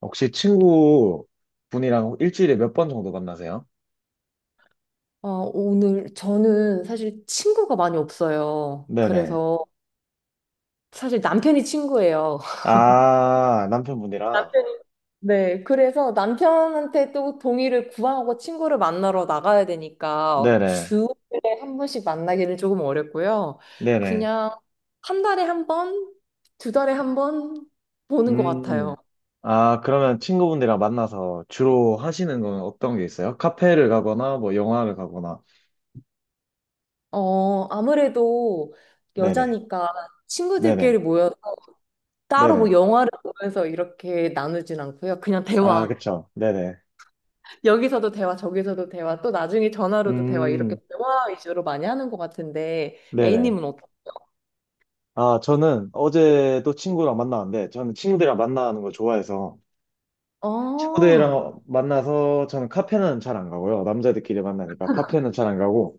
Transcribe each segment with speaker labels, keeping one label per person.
Speaker 1: 혹시 친구 분이랑 일주일에 몇 번 정도 만나세요?
Speaker 2: 어, 오늘 저는 사실 친구가 많이 없어요.
Speaker 1: 네네.
Speaker 2: 그래서 사실 남편이 친구예요.
Speaker 1: 아, 남편분이랑?
Speaker 2: 남편이? 네, 그래서 남편한테 또 동의를 구하고 친구를 만나러 나가야 되니까
Speaker 1: 네네.
Speaker 2: 주에 한 번씩 만나기는 조금 어렵고요.
Speaker 1: 네네.
Speaker 2: 그냥 한 달에 한 번, 두 달에 한 번 보는 것
Speaker 1: 음.
Speaker 2: 같아요.
Speaker 1: 아, 그러면 친구분들이랑 만나서 주로 하시는 건 어떤 게 있어요? 카페를 가거나, 뭐, 영화를 가거나.
Speaker 2: 어, 아무래도
Speaker 1: 네네.
Speaker 2: 여자니까
Speaker 1: 네네.
Speaker 2: 친구들끼리 모여 따로 뭐
Speaker 1: 네네.
Speaker 2: 영화를 보면서 이렇게 나누진 않고요. 그냥
Speaker 1: 아,
Speaker 2: 대화.
Speaker 1: 그쵸. 네네.
Speaker 2: 여기서도 대화, 저기서도 대화, 또 나중에 전화로도 대화 이렇게
Speaker 1: 음,
Speaker 2: 대화 위주로 많이 하는 것 같은데
Speaker 1: 네네.
Speaker 2: A님은 어떠세요?
Speaker 1: 아, 저는 어제도 친구랑 만나는데, 저는 친구들이랑 만나는 걸 좋아해서,
Speaker 2: 아,
Speaker 1: 친구들이랑 만나서 저는 카페는 잘 안 가고요. 남자들끼리 만나니까 카페는 잘 안 가고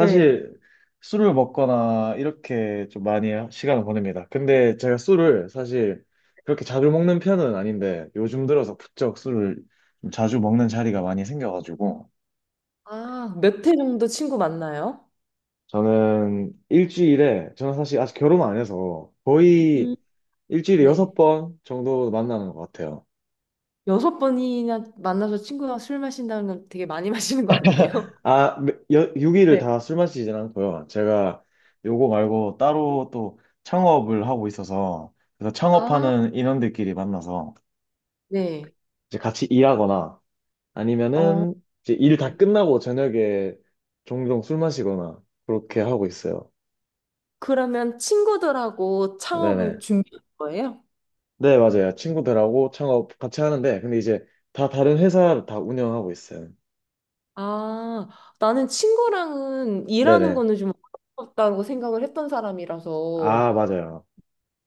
Speaker 2: 네.
Speaker 1: 술을 먹거나 이렇게 좀 많이 시간을 보냅니다. 근데 제가 술을 사실 그렇게 자주 먹는 편은 아닌데 요즘 들어서 부쩍 술을 좀 자주 먹는 자리가 많이 생겨가지고
Speaker 2: 아, 몇 회 정도 친구 만나요?
Speaker 1: 저는 일주일에 저는 사실 아직 결혼 안 해서 거의
Speaker 2: 음.
Speaker 1: 일주일에
Speaker 2: 네.
Speaker 1: 여섯 번 정도 만나는 것 같아요.
Speaker 2: 6번이나 만나서 친구랑 술 마신다는 건 되게 많이 마시는 거 아니에요?
Speaker 1: 아, 6일을
Speaker 2: 네.
Speaker 1: 다 술 마시진 않고요. 제가 요거 말고 따로 또 창업을 하고 있어서, 그래서
Speaker 2: 아,
Speaker 1: 창업하는 인원들끼리 만나서
Speaker 2: 네.
Speaker 1: 이제 같이 일하거나
Speaker 2: 어,
Speaker 1: 아니면은 이제 일 다
Speaker 2: 네.
Speaker 1: 끝나고 저녁에 종종 술 마시거나 그렇게 하고 있어요.
Speaker 2: 그러면 친구들하고 창업을
Speaker 1: 네네.
Speaker 2: 준비할 거예요?
Speaker 1: 네, 맞아요. 친구들하고 창업 같이 하는데, 근데 이제 다 다른 회사를 다 운영하고 있어요.
Speaker 2: 아, 나는 친구랑은 일하는
Speaker 1: 네네.
Speaker 2: 거는 좀 어렵다고 생각을 했던 사람이라서
Speaker 1: 아, 맞아요.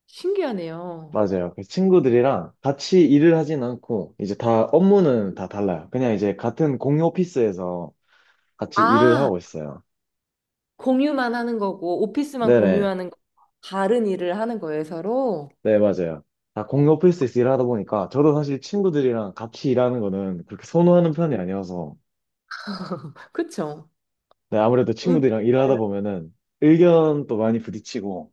Speaker 2: 신기하네요.
Speaker 1: 맞아요. 그 친구들이랑 같이 일을 하진 않고, 이제 다, 업무는 다 달라요. 그냥 이제 같은 공유 오피스에서 같이 일을
Speaker 2: 아,
Speaker 1: 하고 있어요.
Speaker 2: 공유만 하는 거고, 오피스만
Speaker 1: 네네.
Speaker 2: 공유하는 거, 다른 일을 하는 거예요, 서로.
Speaker 1: 네, 맞아요. 다 공유 오피스에서 일하다 보니까, 저도 사실 친구들이랑 같이 일하는 거는 그렇게 선호하는 편이
Speaker 2: 오.
Speaker 1: 아니어서,
Speaker 2: 그쵸?
Speaker 1: 네, 아무래도
Speaker 2: 의견
Speaker 1: 친구들이랑
Speaker 2: 다른,
Speaker 1: 일하다 보면은 의견도 많이 부딪히고,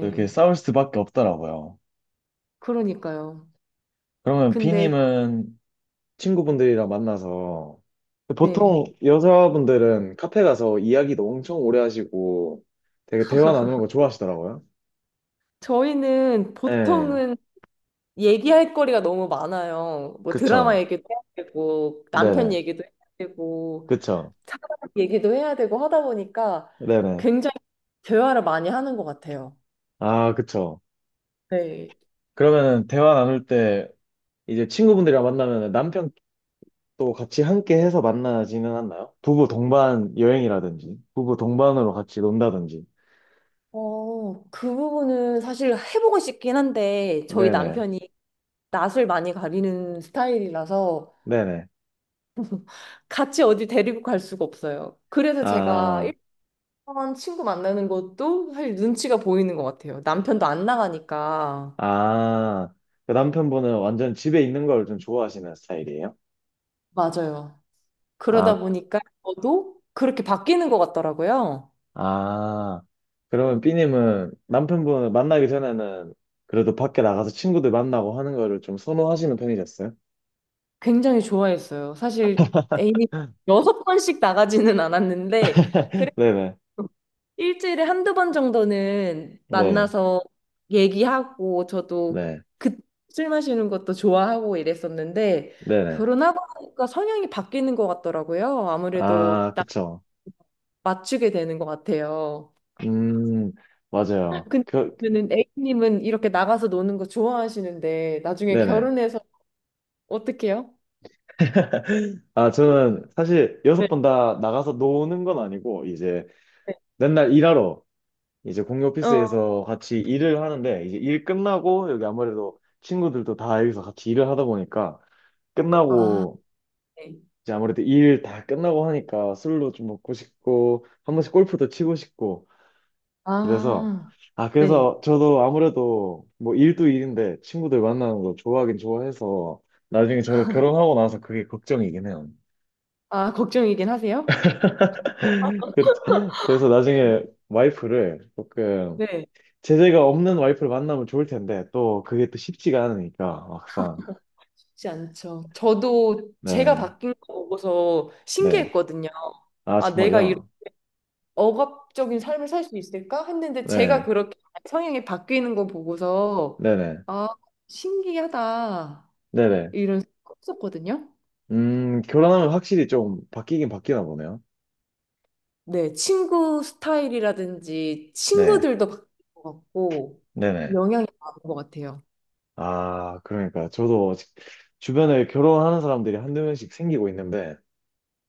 Speaker 1: 또 이렇게 싸울 수밖에 없더라고요.
Speaker 2: 그러니까요.
Speaker 1: 그러면
Speaker 2: 근데,
Speaker 1: 비님은 친구분들이랑 만나서
Speaker 2: 네.
Speaker 1: 보통 여자분들은 카페 가서 이야기도 엄청 오래 하시고 되게 대화 나누는 거 좋아하시더라고요.
Speaker 2: 저희는
Speaker 1: 예,
Speaker 2: 보통은 얘기할 거리가 너무 많아요. 뭐 드라마
Speaker 1: 그쵸.
Speaker 2: 얘기도 해야 되고, 남편
Speaker 1: 네네.
Speaker 2: 얘기도 해야 되고,
Speaker 1: 그쵸.
Speaker 2: 사람 얘기도 해야 되고 하다 보니까
Speaker 1: 네네.
Speaker 2: 굉장히 대화를 많이 하는 것 같아요.
Speaker 1: 아, 그쵸.
Speaker 2: 네.
Speaker 1: 그러면 대화 나눌 때 이제 친구분들이랑 만나면 남편도 같이 함께 해서 만나지는 않나요? 부부 동반 여행이라든지, 부부 동반으로 같이 논다든지.
Speaker 2: 어, 그 부분은 사실 해보고 싶긴 한데, 저희
Speaker 1: 네네.
Speaker 2: 남편이 낯을 많이 가리는 스타일이라서
Speaker 1: 네네.
Speaker 2: 같이 어디 데리고 갈 수가 없어요. 그래서 제가
Speaker 1: 아,
Speaker 2: 일본 친구 만나는 것도 사실 눈치가 보이는 것 같아요. 남편도 안 나가니까.
Speaker 1: 아, 그 남편분은 완전 집에 있는 걸 좀 좋아하시는 스타일이에요?
Speaker 2: 맞아요. 그러다
Speaker 1: 아,
Speaker 2: 보니까 저도 그렇게 바뀌는 것 같더라고요.
Speaker 1: 아, 그러면 B님은 남편분을 만나기 전에는 그래도 밖에 나가서 친구들 만나고 하는 거를 좀 선호하시는 편이셨어요?
Speaker 2: 굉장히 좋아했어요. 사실 애인이 6번씩 나가지는 않았는데,
Speaker 1: 네네,
Speaker 2: 일주일에 1~2번 정도는
Speaker 1: 네,
Speaker 2: 만나서 얘기하고 저도
Speaker 1: 네,
Speaker 2: 그 술 마시는 것도 좋아하고 이랬었는데
Speaker 1: 네네.
Speaker 2: 결혼하고 나니까 성향이 바뀌는 것 같더라고요. 아무래도
Speaker 1: 아,
Speaker 2: 딱
Speaker 1: 그쵸.
Speaker 2: 맞추게 되는 것 같아요.
Speaker 1: 음, 맞아요.
Speaker 2: 근데
Speaker 1: 그,
Speaker 2: 그러면은 A님은 이렇게 나가서 노는 거 좋아하시는데 나중에
Speaker 1: 네네.
Speaker 2: 결혼해서 어떡해요?
Speaker 1: 아,
Speaker 2: 네.
Speaker 1: 저는 사실 여섯 번 다 나가서 노는 건 아니고, 이제
Speaker 2: 네.
Speaker 1: 맨날 일하러 이제 공유
Speaker 2: 어.
Speaker 1: 오피스에서 같이 일을 하는데 이제 일 끝나고 여기 아무래도 친구들도 다 여기서 같이 일을 하다 보니까
Speaker 2: 아,
Speaker 1: 끝나고
Speaker 2: 네.
Speaker 1: 이제 아무래도 일 다 끝나고 하니까 술도 좀 먹고 싶고 한 번씩 골프도 치고 싶고 그래서
Speaker 2: 아,
Speaker 1: 아
Speaker 2: 네.
Speaker 1: 그래서 저도 아무래도 뭐 일도 일인데 친구들 만나는 거 좋아하긴 좋아해서 나중에 저도 결혼하고 나서 그게 걱정이긴 해요.
Speaker 2: 아, 걱정이긴 하세요?
Speaker 1: 그래서 그래서
Speaker 2: 네.
Speaker 1: 나중에 와이프를 조금
Speaker 2: 네.
Speaker 1: 제재가 없는 와이프를 만나면 좋을 텐데, 또 그게 또 쉽지가 않으니까, 막상.
Speaker 2: 쉽지 않죠. 저도 제가
Speaker 1: 네,
Speaker 2: 바뀐 거 보고서
Speaker 1: 네.
Speaker 2: 신기했거든요.
Speaker 1: 아,
Speaker 2: 아, 내가 이런
Speaker 1: 정말요?
Speaker 2: 억압적인 삶을 살 수 있을까? 했는데 제가
Speaker 1: 네,
Speaker 2: 그렇게 성향이 바뀌는 거 보고서
Speaker 1: 네네,
Speaker 2: 아, 신기하다.
Speaker 1: 네네.
Speaker 2: 이런 생각 했었거든요.
Speaker 1: 결혼하면 확실히 좀 바뀌긴 바뀌나 보네요.
Speaker 2: 네, 친구 스타일이라든지
Speaker 1: 네,
Speaker 2: 친구들도 바뀐 것 같고
Speaker 1: 네네.
Speaker 2: 영향이 많은 것 같아요.
Speaker 1: 아, 그러니까 저도 아직 주변에 결혼하는 사람들이 한두 명씩 생기고 있는데,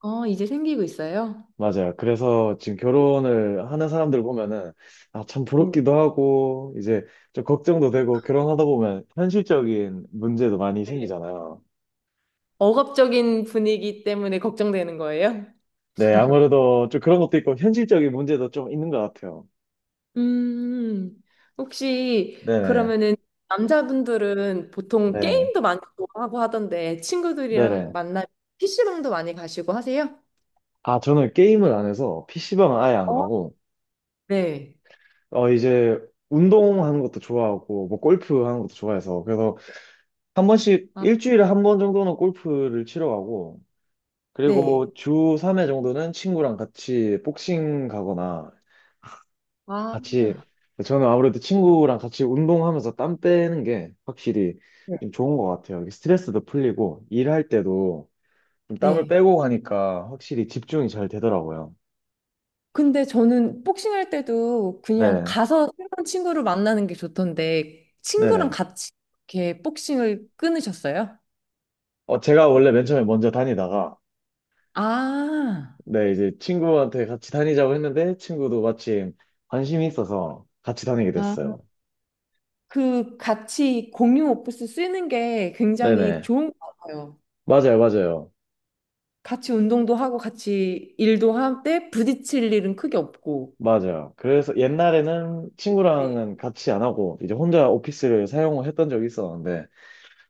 Speaker 2: 어, 이제 생기고 있어요?
Speaker 1: 맞아요. 그래서 지금 결혼을 하는 사람들 보면은, 아, 참
Speaker 2: 네.
Speaker 1: 부럽기도 하고, 이제 좀 걱정도 되고, 결혼하다 보면 현실적인 문제도 많이
Speaker 2: 네.
Speaker 1: 생기잖아요.
Speaker 2: 억압적인 분위기 때문에 걱정되는 거예요?
Speaker 1: 네, 아무래도 좀 그런 것도 있고 현실적인 문제도 좀 있는 것 같아요.
Speaker 2: 음, 혹시
Speaker 1: 네네.
Speaker 2: 그러면은 남자분들은 보통
Speaker 1: 네,
Speaker 2: 게임도 많이 좋아하고 하던데 친구들이랑
Speaker 1: 네네.
Speaker 2: 만나면 PC방도 많이 가시고 하세요?
Speaker 1: 아, 저는 게임을 안 해서 PC방은 아예 안
Speaker 2: 어?
Speaker 1: 가고,
Speaker 2: 네.
Speaker 1: 어, 이제 운동하는 것도 좋아하고, 뭐 골프 하는 것도 좋아해서, 그래서 한 번씩,
Speaker 2: 아,
Speaker 1: 일주일에 한 번 정도는 골프를 치러 가고,
Speaker 2: 네.
Speaker 1: 그리고 주 3회 정도는 친구랑 같이 복싱 가거나,
Speaker 2: 아,
Speaker 1: 같이, 저는 아무래도 친구랑 같이 운동하면서 땀 빼는 게 확실히
Speaker 2: 네.
Speaker 1: 좀 좋은 것 같아요. 이게 스트레스도 풀리고, 일할 때도 좀 땀을
Speaker 2: 네.
Speaker 1: 빼고 가니까 확실히 집중이 잘 되더라고요.
Speaker 2: 근데 저는 복싱할 때도 그냥
Speaker 1: 네,
Speaker 2: 가서 새로운 친구를 만나는 게 좋던데 친구랑
Speaker 1: 네네.
Speaker 2: 같이 이렇게 복싱을 끊으셨어요?
Speaker 1: 어, 제가 원래 맨 처음에 먼저 다니다가,
Speaker 2: 아,
Speaker 1: 네, 이제 친구한테 같이 다니자고 했는데, 친구도 마침 관심이 있어서 같이 다니게
Speaker 2: 아,
Speaker 1: 됐어요.
Speaker 2: 그 같이 공유 오프스 쓰는 게 굉장히
Speaker 1: 네네.
Speaker 2: 좋은 것 같아요.
Speaker 1: 맞아요, 맞아요.
Speaker 2: 같이 운동도 하고 같이 일도 할 때 부딪힐 일은 크게 없고.
Speaker 1: 맞아요. 그래서 옛날에는
Speaker 2: 네.
Speaker 1: 친구랑은 같이 안 하고, 이제 혼자 오피스를 사용을 했던 적이 있었는데,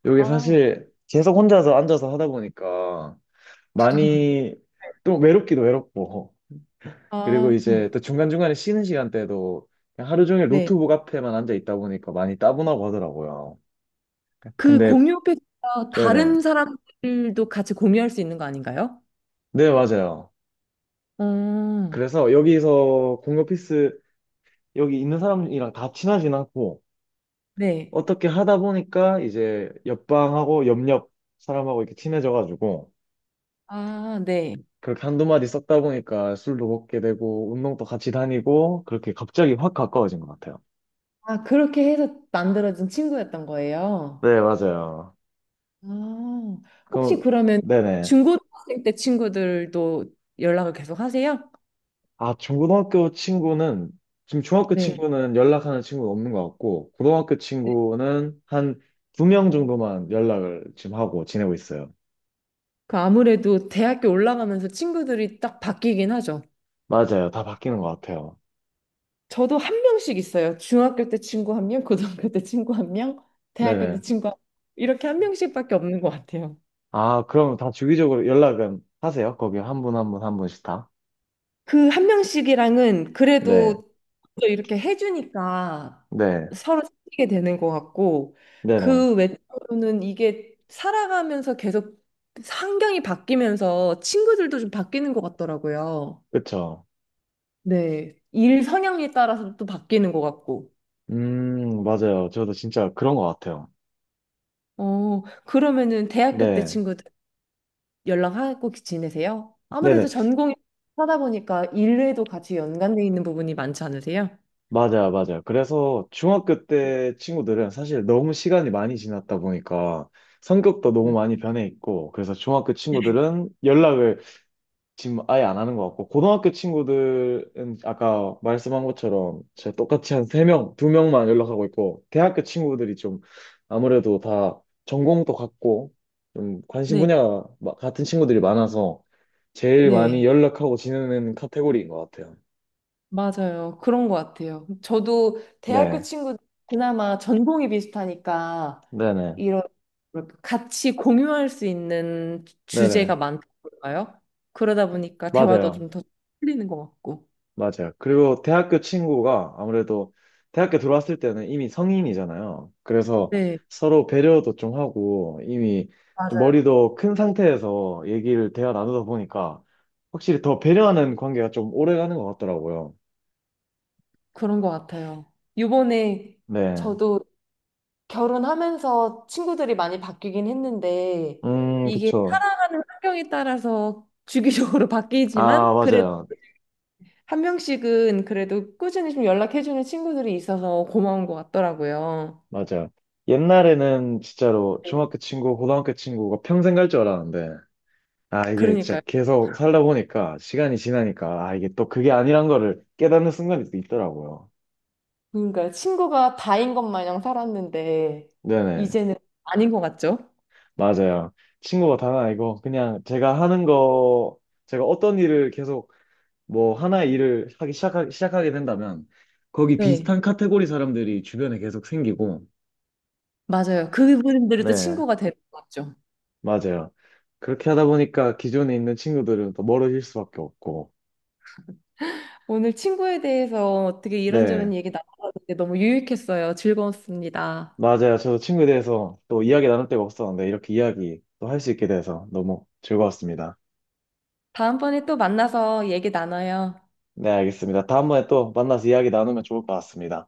Speaker 1: 이게
Speaker 2: 아,
Speaker 1: 사실 계속 혼자서 앉아서 하다 보니까, 많이 또 외롭기도 외롭고, 그리고
Speaker 2: 아,
Speaker 1: 이제
Speaker 2: 어,
Speaker 1: 또 중간중간에 쉬는 시간대도 그냥 하루 종일
Speaker 2: 네.
Speaker 1: 노트북 앞에만 앉아 있다 보니까 많이 따분하고 하더라고요.
Speaker 2: 그
Speaker 1: 근데,
Speaker 2: 공유 패드가
Speaker 1: 네네.
Speaker 2: 다른 사람들도 같이 공유할 수 있는 거 아닌가요?
Speaker 1: 네, 맞아요.
Speaker 2: 음,
Speaker 1: 그래서 여기서 공유 피스 여기 있는 사람이랑 다 친하진 않고
Speaker 2: 네.
Speaker 1: 어떻게 하다 보니까 이제 옆방하고 옆옆 사람하고 이렇게 친해져가지고
Speaker 2: 아, 네.
Speaker 1: 그렇게 한두 마디 썼다 보니까 술도 먹게 되고 운동도 같이 다니고 그렇게 갑자기 확 가까워진 것 같아요.
Speaker 2: 아, 그렇게 해서 만들어진 친구였던 거예요.
Speaker 1: 네, 맞아요.
Speaker 2: 아, 혹시
Speaker 1: 그럼,
Speaker 2: 그러면
Speaker 1: 네네.
Speaker 2: 중고등학생 때 친구들도 연락을 계속 하세요?
Speaker 1: 아, 중고등학교 친구는, 지금 중학교
Speaker 2: 네.
Speaker 1: 친구는 연락하는 친구는 없는 것 같고, 고등학교 친구는 한 두 명 정도만 연락을 지금 하고 지내고 있어요.
Speaker 2: 그 아무래도 대학교 올라가면서 친구들이 딱 바뀌긴 하죠.
Speaker 1: 맞아요. 다 바뀌는 것 같아요.
Speaker 2: 저도 한 명씩 있어요. 중학교 때 친구 한 명, 고등학교 때 친구 한 명, 대학교
Speaker 1: 네네.
Speaker 2: 때 친구 한 명. 이렇게 한 명씩밖에 없는 것 같아요.
Speaker 1: 아, 그럼 다 주기적으로 연락은 하세요? 거기 한 분, 한 분, 한 분씩 다?
Speaker 2: 그 한 명씩이랑은
Speaker 1: 네.
Speaker 2: 그래도 또 이렇게 해주니까
Speaker 1: 네.
Speaker 2: 서로 사귀게 되는 것 같고
Speaker 1: 네네.
Speaker 2: 그 외로는 이게 살아가면서 계속 환경이 바뀌면서 친구들도 좀 바뀌는 것 같더라고요.
Speaker 1: 그쵸.
Speaker 2: 네. 일 성향에 따라서 또 바뀌는 것 같고.
Speaker 1: 맞아요. 저도 진짜 그런 것 같아요.
Speaker 2: 어, 그러면은 대학교 때
Speaker 1: 네.
Speaker 2: 친구들 연락하고 지내세요? 아무래도
Speaker 1: 네네.
Speaker 2: 전공이 하다 보니까 일에도 같이 연관돼 있는 부분이 많지 않으세요?
Speaker 1: 맞아요, 맞아요. 그래서 중학교 때 친구들은 사실 너무 시간이 많이 지났다 보니까 성격도 너무
Speaker 2: 맞아요.
Speaker 1: 많이 변해 있고, 그래서 중학교 친구들은 연락을 지금 아예 안 하는 것 같고, 고등학교 친구들은 아까 말씀한 것처럼 제 똑같이 한 세명두명만 연락하고 있고, 대학교 친구들이 좀 아무래도 다 전공도 같고, 좀 관심
Speaker 2: 네,
Speaker 1: 분야가 같은 친구들이 많아서 제일 많이
Speaker 2: 네,
Speaker 1: 연락하고 지내는 카테고리인 것 같아요.
Speaker 2: 맞아요. 그런 것 같아요. 저도 대학교
Speaker 1: 네,
Speaker 2: 친구 그나마 전공이 비슷하니까
Speaker 1: 네네,
Speaker 2: 이런 뭐랄까, 같이 공유할 수 있는
Speaker 1: 네네.
Speaker 2: 주제가 많다고 할까요? 그러다 보니까 대화도
Speaker 1: 맞아요.
Speaker 2: 좀 더 풀리는 것 같고.
Speaker 1: 맞아요. 그리고 대학교 친구가 아무래도 대학교 들어왔을 때는 이미 성인이잖아요. 그래서
Speaker 2: 네,
Speaker 1: 서로 배려도 좀 하고 이미 좀
Speaker 2: 맞아요.
Speaker 1: 머리도 큰 상태에서 얘기를 대화 나누다 보니까 확실히 더 배려하는 관계가 좀 오래 가는 것 같더라고요.
Speaker 2: 그런 것 같아요. 요번에
Speaker 1: 네.
Speaker 2: 저도 결혼하면서 친구들이 많이 바뀌긴 했는데 이게
Speaker 1: 그쵸.
Speaker 2: 살아가는 환경에 따라서 주기적으로
Speaker 1: 아,
Speaker 2: 바뀌지만 그래도
Speaker 1: 맞아요.
Speaker 2: 한 명씩은 그래도 꾸준히 좀 연락해주는 친구들이 있어서 고마운 것 같더라고요.
Speaker 1: 맞아요. 옛날에는 진짜로
Speaker 2: 네.
Speaker 1: 중학교 친구, 고등학교 친구가 평생 갈 줄 알았는데 아, 이게 진짜
Speaker 2: 그러니까요.
Speaker 1: 계속 살다 보니까 시간이 지나니까 아, 이게 또 그게 아니란 거를 깨닫는 순간이 또 있더라고요.
Speaker 2: 그러니까 친구가 다인 것 마냥 살았는데
Speaker 1: 네네.
Speaker 2: 이제는 아닌 것 같죠?
Speaker 1: 맞아요. 친구가 단 아니고 그냥 제가 하는 거, 제가 어떤 일을 계속 뭐 하나의 일을 하기 시작하게 된다면 거기
Speaker 2: 네,
Speaker 1: 비슷한 카테고리 사람들이 주변에 계속 생기고
Speaker 2: 맞아요. 그분들이 또
Speaker 1: 네,
Speaker 2: 친구가 되는 것 같죠.
Speaker 1: 맞아요. 그렇게 하다 보니까 기존에 있는 친구들은 또 멀어질 수밖에 없고
Speaker 2: 오늘 친구에 대해서 어떻게
Speaker 1: 네.
Speaker 2: 이런저런 얘기 나눠봤는데 너무 유익했어요. 즐거웠습니다.
Speaker 1: 맞아요. 저도 친구에 대해서 또 이야기 나눌 데가 없었는데 이렇게 이야기 또 할 수 있게 돼서 너무 즐거웠습니다.
Speaker 2: 다음번에 또 만나서 얘기 나눠요.
Speaker 1: 네, 알겠습니다. 다음번에 또 만나서 이야기 나누면 좋을 것 같습니다.